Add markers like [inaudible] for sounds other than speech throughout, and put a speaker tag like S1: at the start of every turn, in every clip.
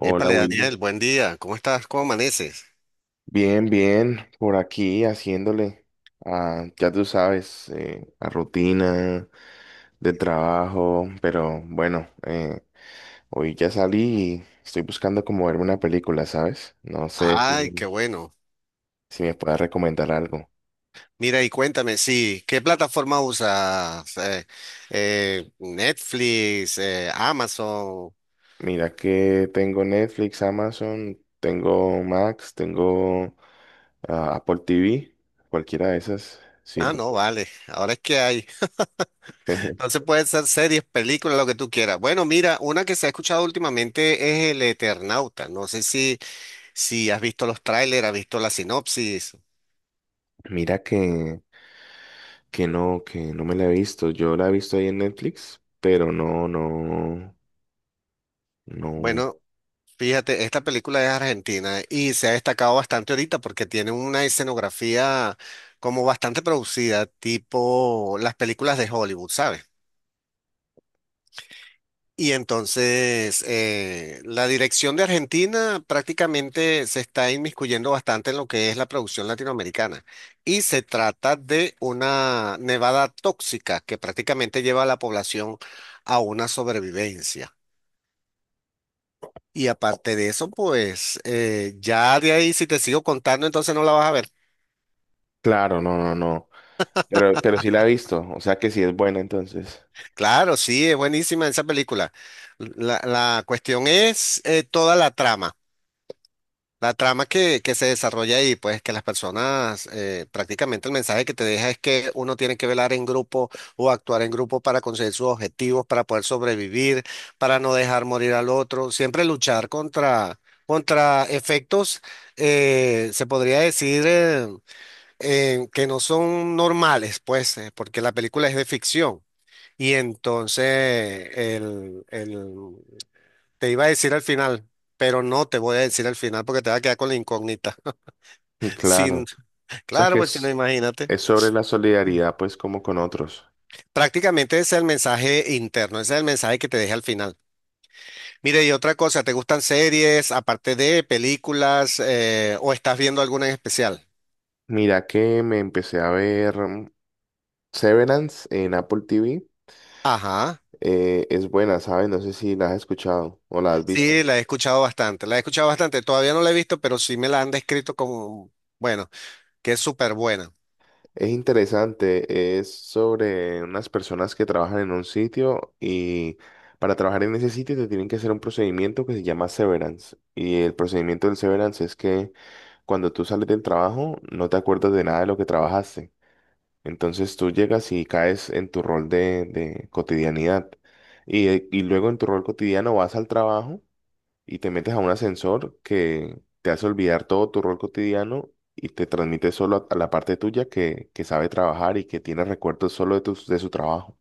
S1: Hola,
S2: Épale,
S1: Wilmer.
S2: Daniel, buen día. ¿Cómo estás? ¿Cómo amaneces?
S1: Bien, bien, por aquí haciéndole, a, ya tú sabes, a rutina de trabajo, pero bueno, hoy ya salí y estoy buscando como verme una película, ¿sabes? No sé
S2: Ay,
S1: si,
S2: qué bueno.
S1: si me puedas recomendar algo.
S2: Mira y cuéntame, sí, ¿qué plataforma usas? Netflix, Amazon.
S1: Mira que tengo Netflix, Amazon, tengo Max, tengo Apple TV, cualquiera de esas
S2: Ah,
S1: sirve.
S2: no, vale. Ahora es que hay. [laughs]
S1: [laughs]
S2: Entonces pueden ser series, películas, lo que tú quieras. Bueno, mira, una que se ha escuchado últimamente es El Eternauta. No sé si has visto los trailers, has visto la sinopsis.
S1: Mira que no, que no me la he visto. Yo la he visto ahí en Netflix, pero no, no, no.
S2: Bueno. Fíjate, esta película es argentina y se ha destacado bastante ahorita porque tiene una escenografía como bastante producida, tipo las películas de Hollywood, ¿sabes? Y entonces la dirección de Argentina prácticamente se está inmiscuyendo bastante en lo que es la producción latinoamericana. Y se trata de una nevada tóxica que prácticamente lleva a la población a una sobrevivencia. Y aparte de eso, pues ya de ahí, si te sigo contando, entonces no la vas a ver.
S1: Claro, no, no, no. Pero sí la he visto. O sea que sí es buena entonces.
S2: Claro, sí, es buenísima esa película. La cuestión es toda la trama, la trama que se desarrolla ahí, pues que las personas, prácticamente el mensaje que te deja es que uno tiene que velar en grupo o actuar en grupo para conseguir sus objetivos, para poder sobrevivir, para no dejar morir al otro, siempre luchar contra efectos, se podría decir que no son normales, pues, porque la película es de ficción. Y entonces te iba a decir al final, pero no te voy a decir al final porque te va a quedar con la incógnita.
S1: [laughs]
S2: [laughs]
S1: Claro.
S2: Sin,
S1: O sea
S2: claro,
S1: que
S2: pues si no, imagínate.
S1: es sobre la
S2: Mm.
S1: solidaridad, pues, como con otros.
S2: Prácticamente ese es el mensaje interno, ese es el mensaje que te deja al final. Mire, y otra cosa, ¿te gustan series, aparte de películas, o estás viendo alguna en especial?
S1: Mira que me empecé a ver Severance en Apple TV.
S2: Ajá.
S1: Es buena, ¿sabes? No sé si la has escuchado o la has
S2: Sí,
S1: visto.
S2: la he escuchado bastante, la he escuchado bastante. Todavía no la he visto, pero sí me la han descrito como, bueno, que es súper buena.
S1: Es interesante, es sobre unas personas que trabajan en un sitio y para trabajar en ese sitio te tienen que hacer un procedimiento que se llama severance. Y el procedimiento del severance es que cuando tú sales del trabajo no te acuerdas de nada de lo que trabajaste. Entonces tú llegas y caes en tu rol de cotidianidad. Y luego en tu rol cotidiano vas al trabajo y te metes a un ascensor que te hace olvidar todo tu rol cotidiano y te transmite solo a, la parte tuya que sabe trabajar y que tiene recuerdos solo de, de su trabajo.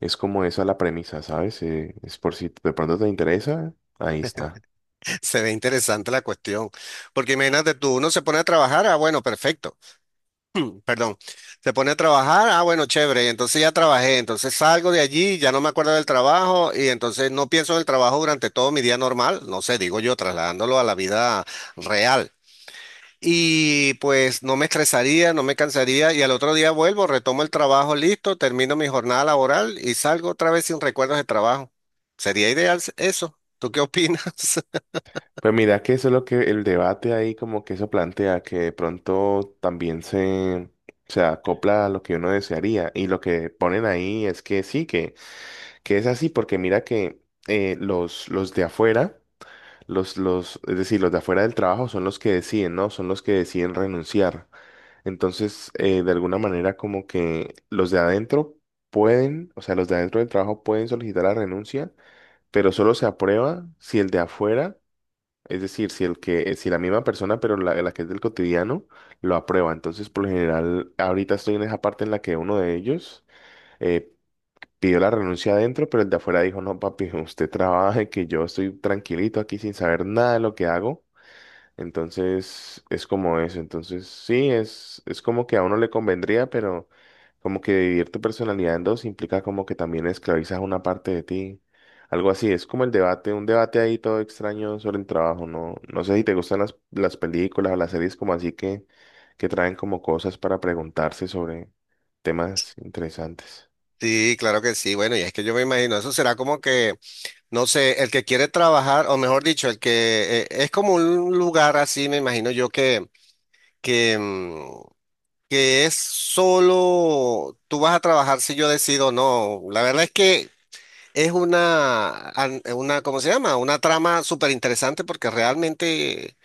S1: Es como esa la premisa, ¿sabes? Es por si de pronto te interesa, ahí está.
S2: [laughs] Se ve interesante la cuestión. Porque imagínate tú, uno se pone a trabajar, ah, bueno, perfecto, perdón. Se pone a trabajar, ah, bueno, chévere, entonces ya trabajé, entonces salgo de allí, ya no me acuerdo del trabajo y entonces no pienso en el trabajo durante todo mi día normal, no sé, digo yo, trasladándolo a la vida real. Y pues no me estresaría, no me cansaría y al otro día vuelvo, retomo el trabajo listo, termino mi jornada laboral y salgo otra vez sin recuerdos de trabajo. Sería eso. ¿Tú qué opinas? [laughs]
S1: Pues mira que eso es lo que el debate ahí como que eso plantea, que de pronto también se acopla a lo que uno desearía. Y lo que ponen ahí es que sí, que es así, porque mira que los de afuera. Los, es decir, los de afuera del trabajo son los que deciden, ¿no? Son los que deciden renunciar. Entonces, de alguna manera, como que los de adentro pueden, o sea, los de adentro del trabajo pueden solicitar la renuncia, pero solo se aprueba si el de afuera, es decir, si el que, si la misma persona, pero la que es del cotidiano, lo aprueba. Entonces, por lo general, ahorita estoy en esa parte en la que uno de ellos eh, pidió la renuncia adentro, pero el de afuera dijo, no, papi, [laughs] usted trabaje, que yo estoy tranquilito aquí sin saber nada de lo que hago. Entonces, es como eso. Entonces, sí, es como que a uno le convendría, pero como que dividir tu personalidad en dos implica como que también esclavizas una parte de ti. Algo así, es como el debate, un debate ahí todo extraño sobre el trabajo, ¿no? No sé si te gustan las películas o las series como así que traen como cosas para preguntarse sobre temas interesantes.
S2: Sí, claro que sí. Bueno, y es que yo me imagino, eso será como que, no sé, el que quiere trabajar, o mejor dicho, el que es como un lugar así, me imagino yo que, mm, que es solo, tú vas a trabajar si yo decido o no. La verdad es que es una, ¿cómo se llama? Una trama súper interesante porque realmente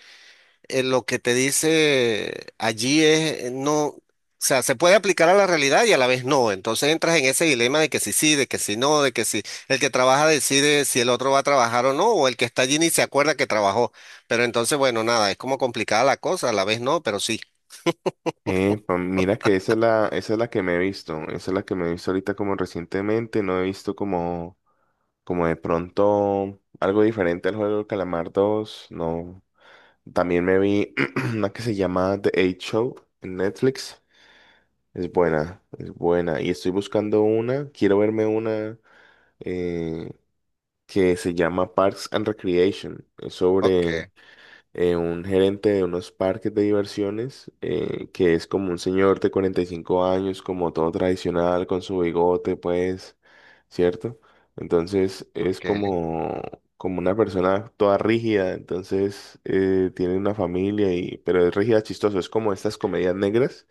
S2: lo que te dice allí es, no, o sea, se puede aplicar a la realidad y a la vez no. Entonces entras en ese dilema de que si sí, de que si no, de que si el que trabaja decide si el otro va a trabajar o no, o el que está allí ni se acuerda que trabajó. Pero entonces, bueno, nada, es como complicada la cosa, a la vez no, pero sí.
S1: Mira que esa es la que me he visto, esa es la que me he visto ahorita como recientemente, no he visto como... Como de pronto algo diferente al juego del Calamar dos no. También me vi [clears throat] una que se llama The Eight Show en Netflix. Es buena, es buena. Y estoy buscando una, quiero verme una eh, que se llama Parks and Recreation. Es sobre
S2: Ok,
S1: un gerente de unos parques de diversiones, que es como un señor de 45 años, como todo tradicional, con su bigote, pues, ¿cierto? Entonces es
S2: ok.
S1: como, como una persona toda rígida, entonces tiene una familia, y, pero es rígida, chistoso, es como estas comedias negras,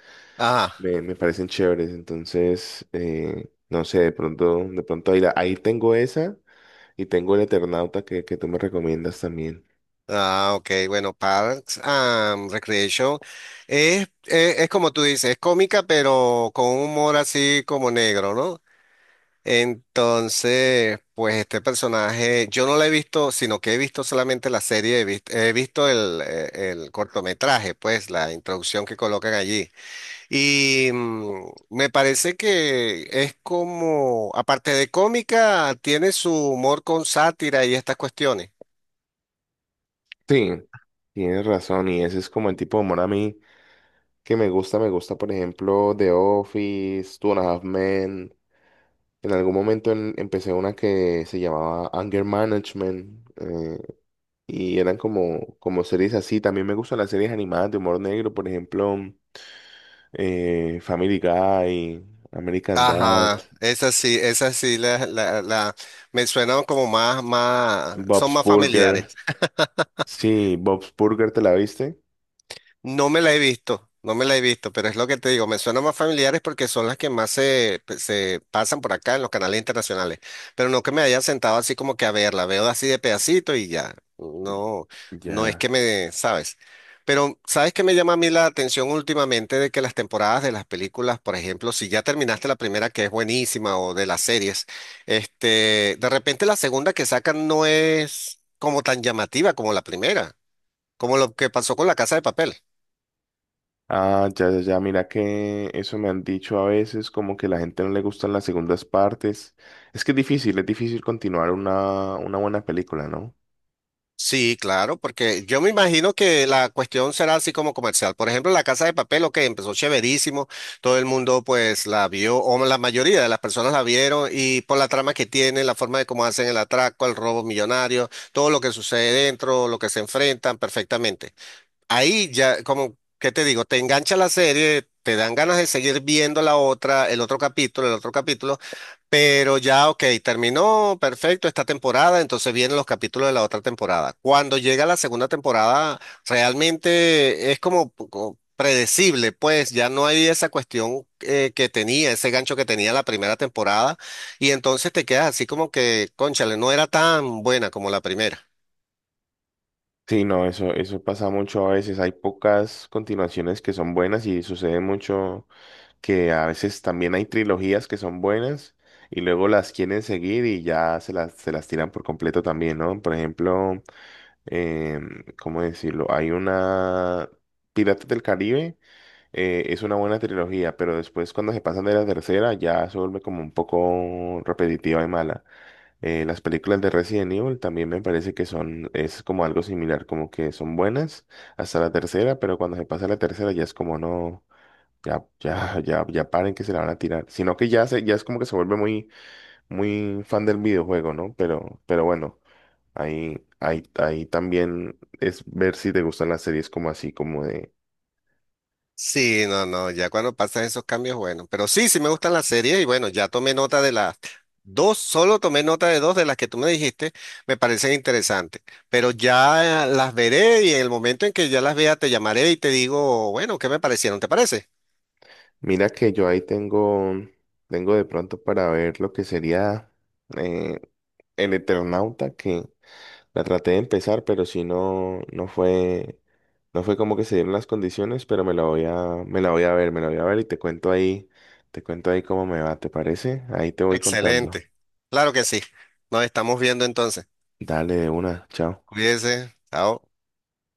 S1: me parecen chéveres, entonces, no sé, de pronto ahí, ahí tengo esa. Y tengo el Eternauta que tú me recomiendas también.
S2: Ah, ok, bueno, Parks and Recreation es como tú dices, es cómica, pero con un humor así como negro, ¿no? Entonces, pues este personaje, yo no lo he visto, sino que he visto solamente la serie, he visto el cortometraje, pues la introducción que colocan allí. Y mm, me parece que es como, aparte de cómica, tiene su humor con sátira y estas cuestiones.
S1: Sí, tienes razón, y ese es como el tipo de humor a mí que me gusta, por ejemplo, The Office, Two and a Half Men. En algún momento empecé una que se llamaba Anger Management, y eran como, como series así. También me gustan las series animadas de humor negro, por ejemplo, Family Guy, American
S2: Ajá,
S1: Dad,
S2: esas sí, me suenan como son
S1: Bob's
S2: más familiares.
S1: Burger. Sí, Bob's Burger, ¿te la viste?
S2: No me la he visto, no me la he visto, pero es lo que te digo, me suenan más familiares porque son las que más se, pues, se pasan por acá en los canales internacionales, pero no que me haya sentado así como que a verla, veo así de pedacito y ya, no, no es
S1: Ya.
S2: que me, ¿sabes? Pero ¿sabes qué me llama a mí la atención últimamente? De que las temporadas de las películas, por ejemplo, si ya terminaste la primera que es buenísima o de las series, este, de repente la segunda que sacan no es como tan llamativa como la primera, como lo que pasó con La Casa de Papel.
S1: Ah, ya, ya, ya, mira que eso me han dicho a veces, como que la gente no le gustan las segundas partes. Es que es difícil continuar una buena película, ¿no?
S2: Sí, claro, porque yo me imagino que la cuestión será así como comercial. Por ejemplo, La Casa de Papel, ok, empezó chéverísimo, todo el mundo pues la vio, o la mayoría de las personas la vieron, y por la trama que tiene, la forma de cómo hacen el atraco, el robo millonario, todo lo que sucede dentro, lo que se enfrentan, perfectamente. Ahí ya, como, ¿qué te digo? Te engancha la serie, te dan ganas de seguir viendo la otra, el otro capítulo, el otro capítulo. Pero ya, ok, terminó, perfecto, esta temporada, entonces vienen los capítulos de la otra temporada. Cuando llega la segunda temporada, realmente es como, como predecible, pues ya no hay esa cuestión que tenía, ese gancho que tenía la primera temporada, y entonces te quedas así como que, cónchale, no era tan buena como la primera.
S1: Sí, no, eso pasa mucho a veces. Hay pocas continuaciones que son buenas y sucede mucho que a veces también hay trilogías que son buenas y luego las quieren seguir y ya se las tiran por completo también, ¿no? Por ejemplo, ¿cómo decirlo? Hay una Piratas del Caribe. Es una buena trilogía, pero después cuando se pasan de la tercera ya se vuelve como un poco repetitiva y mala. Las películas de Resident Evil también me parece que son, es como algo similar, como que son buenas hasta la tercera, pero cuando se pasa la tercera ya es como no, ya, ya, ya, ya paren que se la van a tirar. Sino que ya se, ya es como que se vuelve muy, muy fan del videojuego, ¿no? Pero bueno, ahí, ahí también es ver si te gustan las series como así, como de.
S2: Sí, no, no, ya cuando pasan esos cambios, bueno, pero sí, sí me gustan las series y bueno, ya tomé nota de las dos, solo tomé nota de dos de las que tú me dijiste, me parecen interesantes, pero ya las veré y en el momento en que ya las vea te llamaré y te digo, bueno, ¿qué me parecieron? ¿Te parece?
S1: Mira que yo ahí tengo, tengo de pronto para ver lo que sería eh, el Eternauta, que la traté de empezar, pero si no, no fue, no fue como que se dieron las condiciones, pero me la voy a, me la voy a ver, me la voy a ver y te cuento ahí cómo me va, ¿te parece? Ahí te voy contando.
S2: Excelente, claro que sí, nos estamos viendo entonces,
S1: Dale de una, chao.
S2: cuídense, chao.